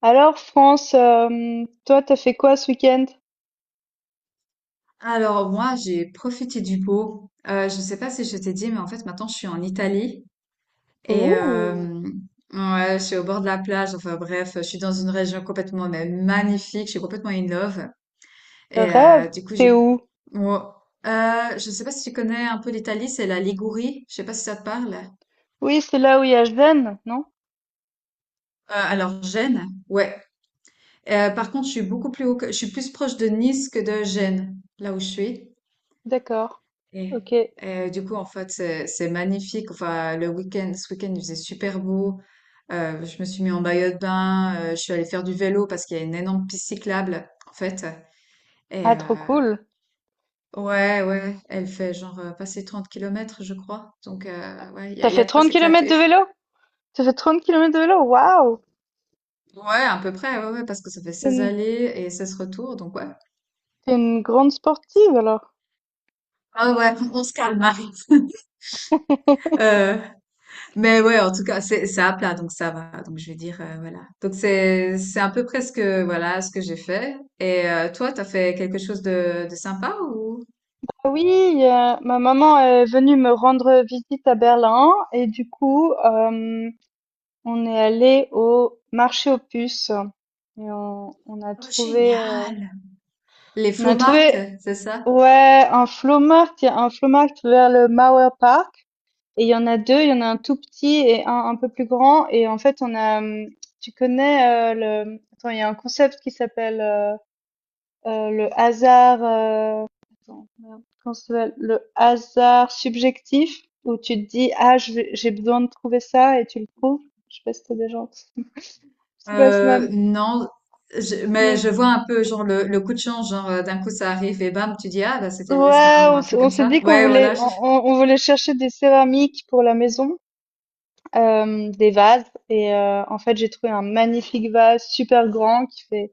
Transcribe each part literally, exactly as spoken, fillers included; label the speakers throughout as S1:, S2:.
S1: Alors, France, euh, toi, t'as fait quoi ce week-end?
S2: Alors moi, j'ai profité du beau. Euh, je ne sais pas si je t'ai dit, mais en fait, maintenant, je suis en Italie et
S1: Ouh,
S2: euh, ouais, je suis au bord de la plage. Enfin bref, je suis dans une région complètement mais magnifique. Je suis complètement in love.
S1: le
S2: Et
S1: rêve,
S2: euh, du coup, j'ai...
S1: t'es où?
S2: ouais. Euh, je ne sais pas si tu connais un peu l'Italie, c'est la Ligurie. Je sais pas si ça te parle.
S1: Oui, c'est là où il y a Zen, non?
S2: Euh, alors Gênes, ouais. Euh, par contre, je suis beaucoup plus haut que... je suis plus proche de Nice que de Gênes, là où je suis.
S1: D'accord,
S2: Et,
S1: ok.
S2: euh, du coup, en fait, c'est c'est magnifique. Enfin, le week-end, ce week-end, il faisait super beau. Euh, je me suis mis en maillot de bain. Euh, je suis allée faire du vélo parce qu'il y a une énorme piste cyclable, en fait. Et
S1: Ah,
S2: euh,
S1: trop cool.
S2: ouais, ouais, elle fait genre euh, passer trente kilomètres, je crois. Donc, euh, ouais, il y a,
S1: T'as
S2: il y a
S1: fait
S2: de quoi
S1: trente kilomètres
S2: s'éclater.
S1: de vélo? T'as fait trente kilomètres de vélo? Waouh!
S2: Ouais, à peu près, ouais, ouais, parce que ça fait
S1: T'es
S2: seize
S1: une,
S2: allées et seize retours. Donc, ouais.
S1: t'es une grande sportive alors.
S2: Ah ouais, on se calme. Marie. Mais ouais, en tout cas, c'est c'est à plat, donc ça va. Donc je vais dire, euh, voilà. Donc c'est c'est un peu presque voilà ce que j'ai fait. Et euh, toi, t'as fait quelque chose de, de sympa ou?
S1: Ah Oui, euh, ma maman est venue me rendre visite à Berlin et du coup, euh, on est allé au marché aux puces et on, on a
S2: Oh,
S1: trouvé, euh,
S2: génial! Les
S1: on a
S2: Flomarts,
S1: trouvé
S2: c'est ça?
S1: Ouais, un flea il y a un flea vers le Mauer Park et il y en a deux, il y en a un tout petit et un un peu plus grand. Et en fait, on a hem, tu connais, heu, le attends, il y a un concept qui s'appelle, heu heu, le hasard, heu, attends, merde, comment ça s'appelle? Le hasard subjectif où tu te dis: «Ah, je vais j'ai besoin de trouver ça», et tu le trouves. Je sais pas si tu déjà entendu. C'est pas si
S2: Euh,
S1: mal.
S2: non, je- mais je vois un peu genre le, le coup de chance, genre euh, d'un coup ça arrive et bam, tu dis ah bah c'était le
S1: Ouais,
S2: destin ou
S1: on
S2: un
S1: s'est
S2: truc
S1: on
S2: comme
S1: s'est
S2: ça.
S1: dit qu'on
S2: Ouais,
S1: voulait
S2: voilà.
S1: on
S2: je-
S1: on on voulait chercher des céramiques pour la maison, hem, des vases, et heu, en fait, j'ai trouvé un magnifique vase super grand qui fait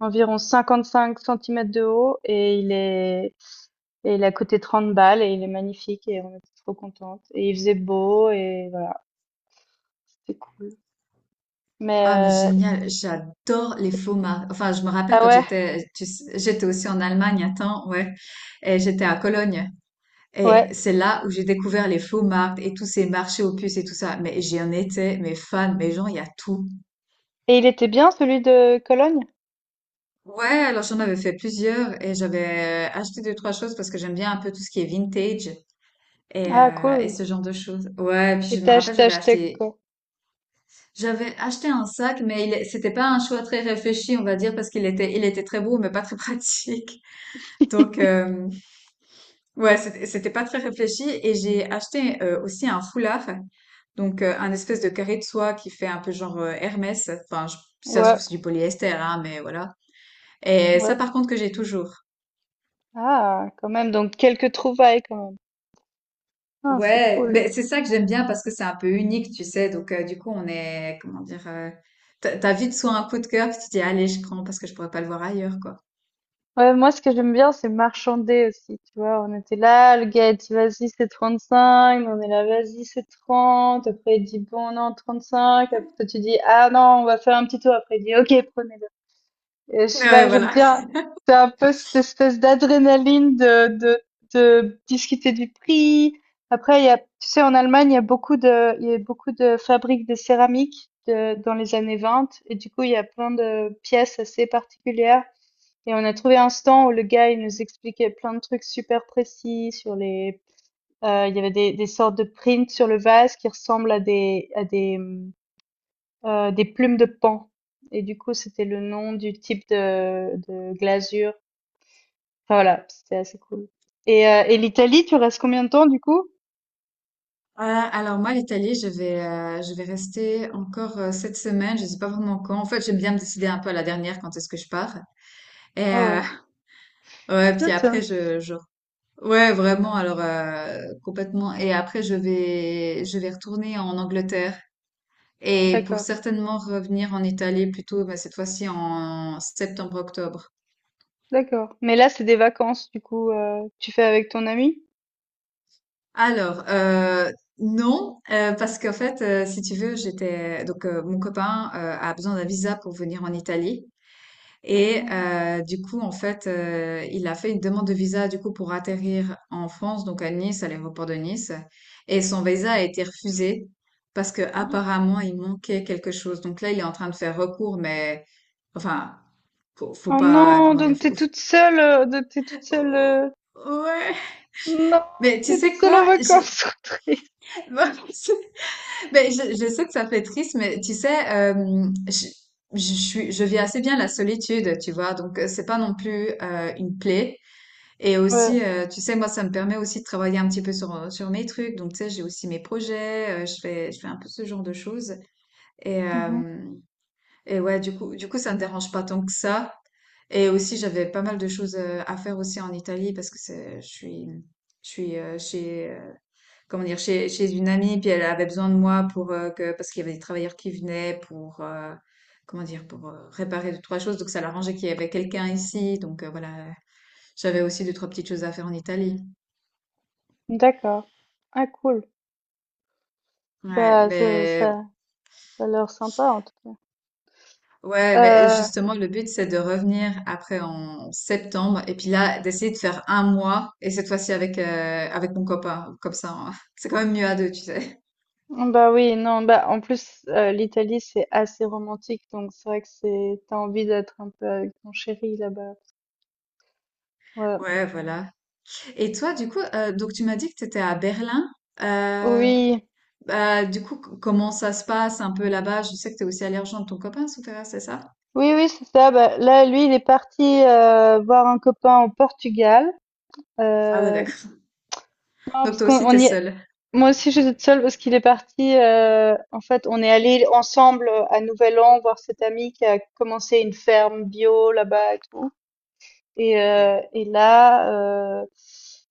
S1: environ cinquante-cinq centimètres de haut, et il est et il a coûté trente balles, et il est magnifique, et on était trop contente, et il faisait beau, et voilà, c'était cool.
S2: Ah mais
S1: Mais heu
S2: génial, j'adore les faux maris. Enfin, je me rappelle
S1: ah
S2: quand
S1: ouais?
S2: j'étais, tu sais, j'étais aussi en Allemagne un temps, ouais, et j'étais à Cologne. Et
S1: Ouais,
S2: c'est là où j'ai découvert les faux marques et tous ces marchés aux puces et tout ça. Mais j'en étais, mais fan, mais genre il y a tout.
S1: et il était bien celui de Cologne?
S2: Ouais, alors j'en avais fait plusieurs et j'avais euh, acheté deux, trois choses parce que j'aime bien un peu tout ce qui est vintage. Et,
S1: Ah
S2: euh, et
S1: cool,
S2: ce genre de choses. Ouais, puis
S1: et
S2: je
S1: tu
S2: me
S1: as
S2: rappelle,
S1: ach
S2: j'avais
S1: acheté
S2: acheté,
S1: quoi?
S2: j'avais acheté un sac, mais il, est- c'était pas un choix très réfléchi, on va dire, parce qu'il était, il était très beau, mais pas très pratique. Donc, euh, ouais, c'était c'était pas très réfléchi. Et j'ai acheté euh, aussi un foulard, donc euh, un espèce de carré de soie qui fait un peu genre euh, Hermès. Enfin, je, si ça se
S1: Ouais,
S2: trouve, c'est du polyester, hein, mais voilà. Et ça,
S1: ouais.
S2: par contre, que j'ai toujours.
S1: Ah quand même, donc quelques trouvailles quand même. Ah, c'est
S2: Ouais,
S1: cool.
S2: mais c'est ça que j'aime bien parce que c'est un peu unique, tu sais. Donc, euh, du coup, on est, comment dire, euh, t'as t'as vite soit un coup de cœur, puis tu te dis, allez, je prends parce que je pourrais pas le voir ailleurs, quoi.
S1: Ouais, moi, ce que j'aime bien, c'est marchander aussi, tu vois. On était là, le gars a dit, vas-y, c'est trente-cinq. Nous, on est là, vas-y, c'est trente. Après, il dit, bon, non, trente-cinq. Après, toi, tu dis, ah non, on va faire un petit tour. Après, il dit, ok, prenez-le. Et je sais pas,
S2: Ouais,
S1: j'aime
S2: voilà.
S1: bien. C'est un peu cette espèce d'adrénaline de, de, de discuter du prix. Après, il y a, tu sais, en Allemagne, il y a beaucoup de, il y a beaucoup de fabriques de céramique de- dans les années vingt. Et du coup, il y a plein de pièces assez particulières, et on a trouvé un stand où le gars, il nous expliquait plein de trucs super précis sur les, euh, il y avait des, des sortes de prints sur le vase qui ressemblent à des, à des, hum, euh, des plumes de paon. Et du coup, c'était le nom du type de, de glasure. Enfin voilà, c'était assez cool. Et, euh, et l'Italie, tu restes combien de temps du coup?
S2: Euh, alors moi, l'Italie, je vais, euh, je vais rester encore euh, cette semaine. Je sais pas vraiment quand. En fait, j'aime bien me décider un peu à la dernière quand est-ce que je pars. Et
S1: Ah ouais.
S2: euh, ouais, puis
S1: Tiens,
S2: après,
S1: tiens.
S2: je, je, ouais, vraiment. Alors euh, complètement. Et après, je vais, je vais retourner en Angleterre. Et pour
S1: D'accord,
S2: certainement revenir en Italie plutôt, bah, cette fois-ci en septembre-octobre.
S1: d'accord. Mais là, c'est des vacances, du coup, euh, tu fais avec ton ami?
S2: Alors, euh, non, euh, parce qu'en fait, euh, si tu veux, j'étais donc euh, mon copain euh, a besoin d'un visa pour venir en Italie. Et euh, du coup, en fait, euh, il a fait une demande de visa du coup pour atterrir en France, donc à Nice, à l'aéroport de Nice. Et son visa a été refusé parce que
S1: Oh,
S2: apparemment il manquait quelque chose. Donc là, il est en train de faire recours, mais enfin, faut, faut
S1: Oh
S2: pas,
S1: non,
S2: comment dire,
S1: donc t'es
S2: faut-
S1: toute seule, euh, donc t'es toute seule.
S2: faut-
S1: euh,
S2: ouais.
S1: Non,
S2: Mais tu
S1: tu es toute
S2: sais
S1: seule
S2: quoi?
S1: en
S2: J'ai-
S1: vacances, trop triste.
S2: Mais je, je sais que ça fait triste, mais tu sais, euh, je, je suis, je vis assez bien la solitude, tu vois. Donc euh, c'est pas non plus euh, une plaie. Et
S1: Ouais.
S2: aussi, euh, tu sais, moi, ça me permet aussi de travailler un petit peu sur, euh, sur mes trucs. Donc, tu sais, j'ai aussi mes projets, euh, je fais, je fais un peu ce genre de choses. Et,
S1: Mhm.
S2: euh, et ouais, du coup, du coup, ça ne me dérange pas tant que ça. Et aussi, j'avais pas mal de choses euh, à faire aussi en Italie parce que c'est, je suis, je suis euh, chez, euh, comment dire, chez, chez une amie, puis elle avait besoin de moi pour euh, que, parce qu'il y avait des travailleurs qui venaient pour, euh, comment dire, pour euh, réparer deux, trois choses. Donc, ça l'arrangeait qu'il y avait quelqu'un ici. Donc, euh, voilà, j'avais aussi deux, trois petites choses à faire en Italie.
S1: D'accord. Ah cool.
S2: Ouais,
S1: Bah ça,
S2: mais,
S1: ça, ça a l'air sympa en tout cas.
S2: ouais, mais
S1: Euh,
S2: justement, le but, c'est de revenir après en septembre et puis là, d'essayer de faire un mois et cette fois-ci avec, euh, avec mon copain. Comme ça, on- c'est quand même mieux à deux, tu sais.
S1: Bah oui, non, bah en plus euh, l'Italie c'est assez romantique, donc c'est vrai que c'est t'as envie d'être un peu avec ton chéri là-bas. Ouais.
S2: Ouais, voilà. Et toi, du coup, euh, donc tu m'as dit que tu étais à Berlin. Euh,
S1: Oui,
S2: Bah, du coup, c- comment ça se passe un peu là-bas? Je sais que tu es aussi allé rejoindre ton copain, Souterrain, c'est ça?
S1: oui, oui, c'est ça. Bah, là, lui, il est parti euh, voir un copain au Portugal.
S2: Ah ouais,
S1: Euh,
S2: d'accord.
S1: Non,
S2: Donc
S1: parce
S2: toi
S1: qu'on
S2: aussi, tu
S1: on
S2: es
S1: y est...
S2: seule.
S1: Moi aussi, j'étais toute seule parce qu'il est parti. Euh, en fait, on est allé ensemble à Nouvel An voir cet ami qui a commencé une ferme bio là-bas et tout. Et, euh, et là, euh,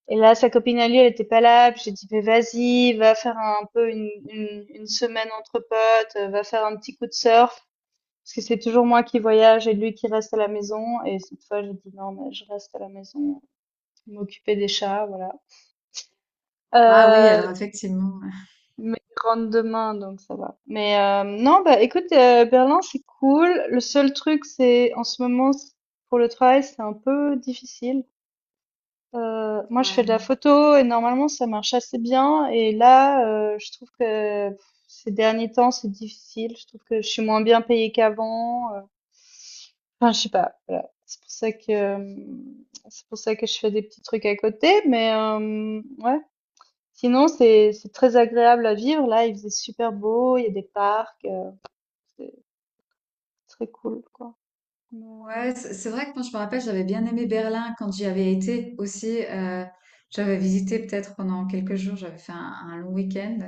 S1: et là, sa copine à lui, elle était pas là. Puis j'ai dit, mais vas-y, va faire un peu une, une, une semaine entre potes, euh, va faire un petit coup de surf. Parce que c'est toujours moi qui voyage et lui qui reste à la maison. Et cette fois, j'ai dit, non, mais je reste à la maison, m'occuper des chats, voilà.
S2: Ah oui,
S1: Euh,
S2: alors effectivement.
S1: Mais il rentre demain, donc ça va. Mais euh, non, bah écoute, euh, Berlin, c'est cool. Le seul truc, c'est en ce moment, c- pour le travail, c'est un peu difficile. Euh, moi, je fais
S2: Ouais.
S1: de la photo et normalement, ça marche assez bien. Et là, euh, je trouve que pff, ces derniers temps, c'est difficile. Je trouve que je suis moins bien payée qu'avant. euh. Enfin, je sais pas. Voilà. C'est pour ça que c'est pour ça que je fais des petits trucs à côté. Mais euh, ouais. Sinon, c'est c'est très agréable à vivre. Là, il faisait super beau, il y a des parcs, euh, c'est très cool, quoi. Mais,
S2: Ouais, c'est c'est vrai que moi, je me rappelle, j'avais bien aimé Berlin quand j'y avais été aussi. Euh, j'avais visité peut-être pendant quelques jours, j'avais fait un, un long week-end.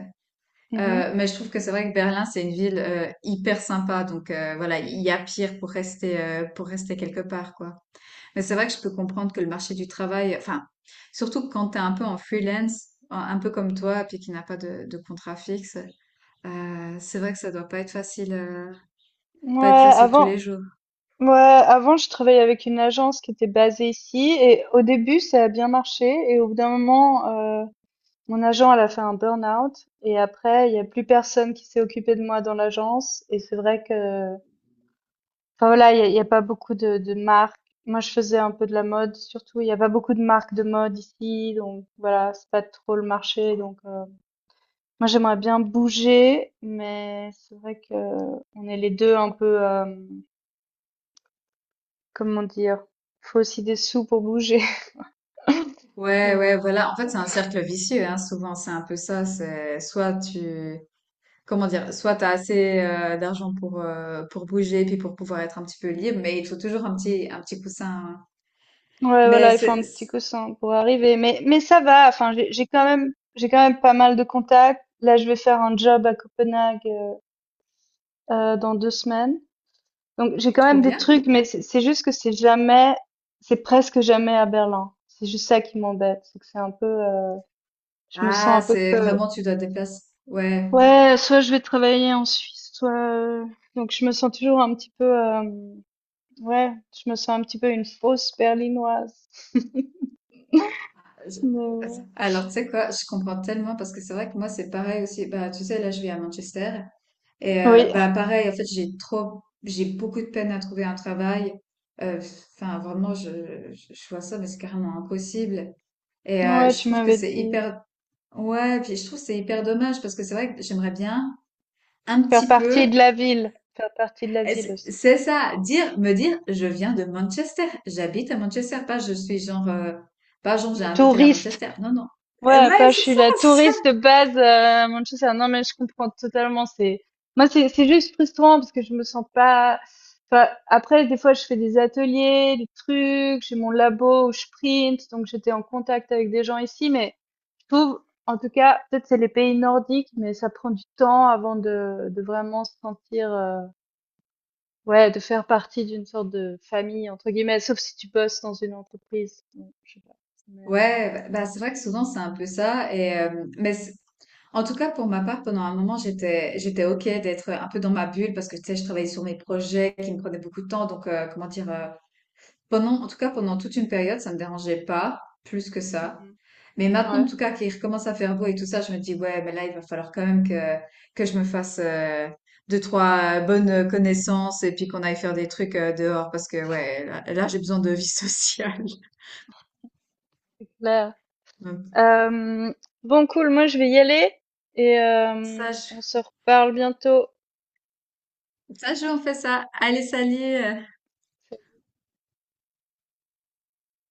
S1: euh, mhm.
S2: Euh, mais je trouve que c'est vrai que Berlin, c'est une ville euh, hyper sympa. Donc euh, voilà, il y a pire pour rester, euh, pour rester quelque part, quoi. Mais c'est vrai que je peux comprendre que le marché du travail, enfin, surtout que quand t'es un peu en freelance, un un peu comme toi, puis qui n'a pas de, de contrat fixe, euh, c'est vrai que ça doit pas être facile, euh,
S1: Ouais,
S2: pas être facile tous
S1: avant,
S2: les jours.
S1: ouais, avant, je travaillais avec une agence qui était basée ici, et au début, ça a bien marché, et au bout d'un moment, euh, mon agent, elle a fait un burn-out, et après, il y a plus personne qui s'est occupé de moi dans l'agence, et c'est vrai que. Enfin voilà, il y a, y a pas beaucoup de, de marques. Moi, je faisais un peu de la mode, surtout. Il y a pas beaucoup de marques de mode ici, donc voilà, c'est pas trop le marché. Donc euh, moi, j'aimerais bien bouger, mais c'est vrai que on est les deux un peu, euh, comment dire, faut aussi des sous pour bouger.
S2: Ouais,
S1: Donc
S2: ouais, voilà. En fait, c'est un cercle vicieux, hein. Souvent, c'est un peu ça. C'est soit tu, comment dire, soit t'as assez euh, d'argent pour euh, pour bouger, puis pour pouvoir être un petit peu libre, mais il te faut toujours un petit un petit coussin. Hein.
S1: ouais,
S2: Mais
S1: voilà, il faut
S2: c'est
S1: un petit
S2: c'est-
S1: coussin pour arriver. Mais mais ça va. Enfin, j'ai j'ai quand même j'ai quand même pas mal de contacts. Là, je vais faire un job à Copenhague euh, euh, dans deux semaines. Donc j'ai
S2: oh,
S1: quand
S2: trop
S1: même des
S2: bien.
S1: trucs, mais c'est c'est juste que c'est jamais, c'est presque jamais à Berlin. C'est juste ça qui m'embête, c'est que c'est un peu, euh, je me sens
S2: Ah,
S1: un peu
S2: c'est
S1: que,
S2: vraiment tu dois te déplacer. Ouais.
S1: ouais, soit je vais travailler en Suisse, soit, euh, donc je me sens toujours un petit peu, euh, ouais, je me sens un petit peu une fausse berlinoise.
S2: Je-
S1: Mais ouais.
S2: Alors, tu sais quoi, je comprends tellement parce que c'est vrai que moi, c'est pareil aussi. Bah, tu sais, là, je vis à Manchester. Et euh, bah pareil, en fait, j'ai trop, j'ai beaucoup de peine à trouver un travail. Euh, Enfin, vraiment, je, je, je vois ça, mais c'est carrément impossible. Et
S1: Oui,
S2: euh,
S1: ouais,
S2: je
S1: tu
S2: trouve que
S1: m'avais
S2: c'est
S1: dit,
S2: hyper, ouais, puis je trouve que c'est hyper dommage parce que c'est vrai que j'aimerais bien un
S1: faire
S2: petit
S1: partie
S2: peu.
S1: de la ville, faire partie de la
S2: Et
S1: ville
S2: C'est
S1: aussi,
S2: c'est ça, dire, me dire, je viens de Manchester, j'habite à Manchester, pas je suis genre, euh, pas genre j'ai
S1: une
S2: un hôtel à
S1: touriste.
S2: Manchester. Non, non. Et
S1: Ouais,
S2: ouais,
S1: pas je
S2: c'est
S1: suis la
S2: ça,
S1: touriste de base euh, à Manchester. Non, mais je comprends totalement. C'est moi, c'est c'est juste frustrant parce que je me sens pas. Enfin, après, des fois, je fais des ateliers, des trucs. J'ai mon labo où je print, donc j'étais en contact avec des gens ici. Mais je trouve, en tout cas, peut-être c'est les pays nordiques, mais ça prend du temps avant de de vraiment se sentir, euh, ouais, de faire partie d'une sorte de famille entre guillemets. Sauf si tu bosses dans une entreprise. Donc, je sais pas. Mais euh,
S2: Ouais, bah, bah, c'est vrai que souvent c'est un peu ça. Et, euh, mais c'est- en tout cas, pour ma part, pendant un moment, j'étais, j'étais OK d'être un peu dans ma bulle parce que tu sais, je travaillais sur mes projets qui me prenaient beaucoup de temps. Donc, euh, comment dire, euh, Pendant, en tout cas, pendant toute une période, ça me dérangeait pas plus que ça. Mais
S1: mhm.
S2: maintenant, en
S1: Ouais,
S2: tout cas, qu'il recommence à faire beau et tout ça, je me dis, ouais, mais là, il va falloir quand même que, que je me fasse euh, deux, trois euh, bonnes connaissances et puis qu'on aille faire des trucs euh, dehors parce que, ouais, là, là, j'ai besoin de vie sociale.
S1: c'est clair.
S2: Donc,
S1: Euh, bon, cool, moi je vais y aller et euh,
S2: Ça, je,
S1: on se reparle bientôt.
S2: ça, je, on fait ça. Allez, salut! euh.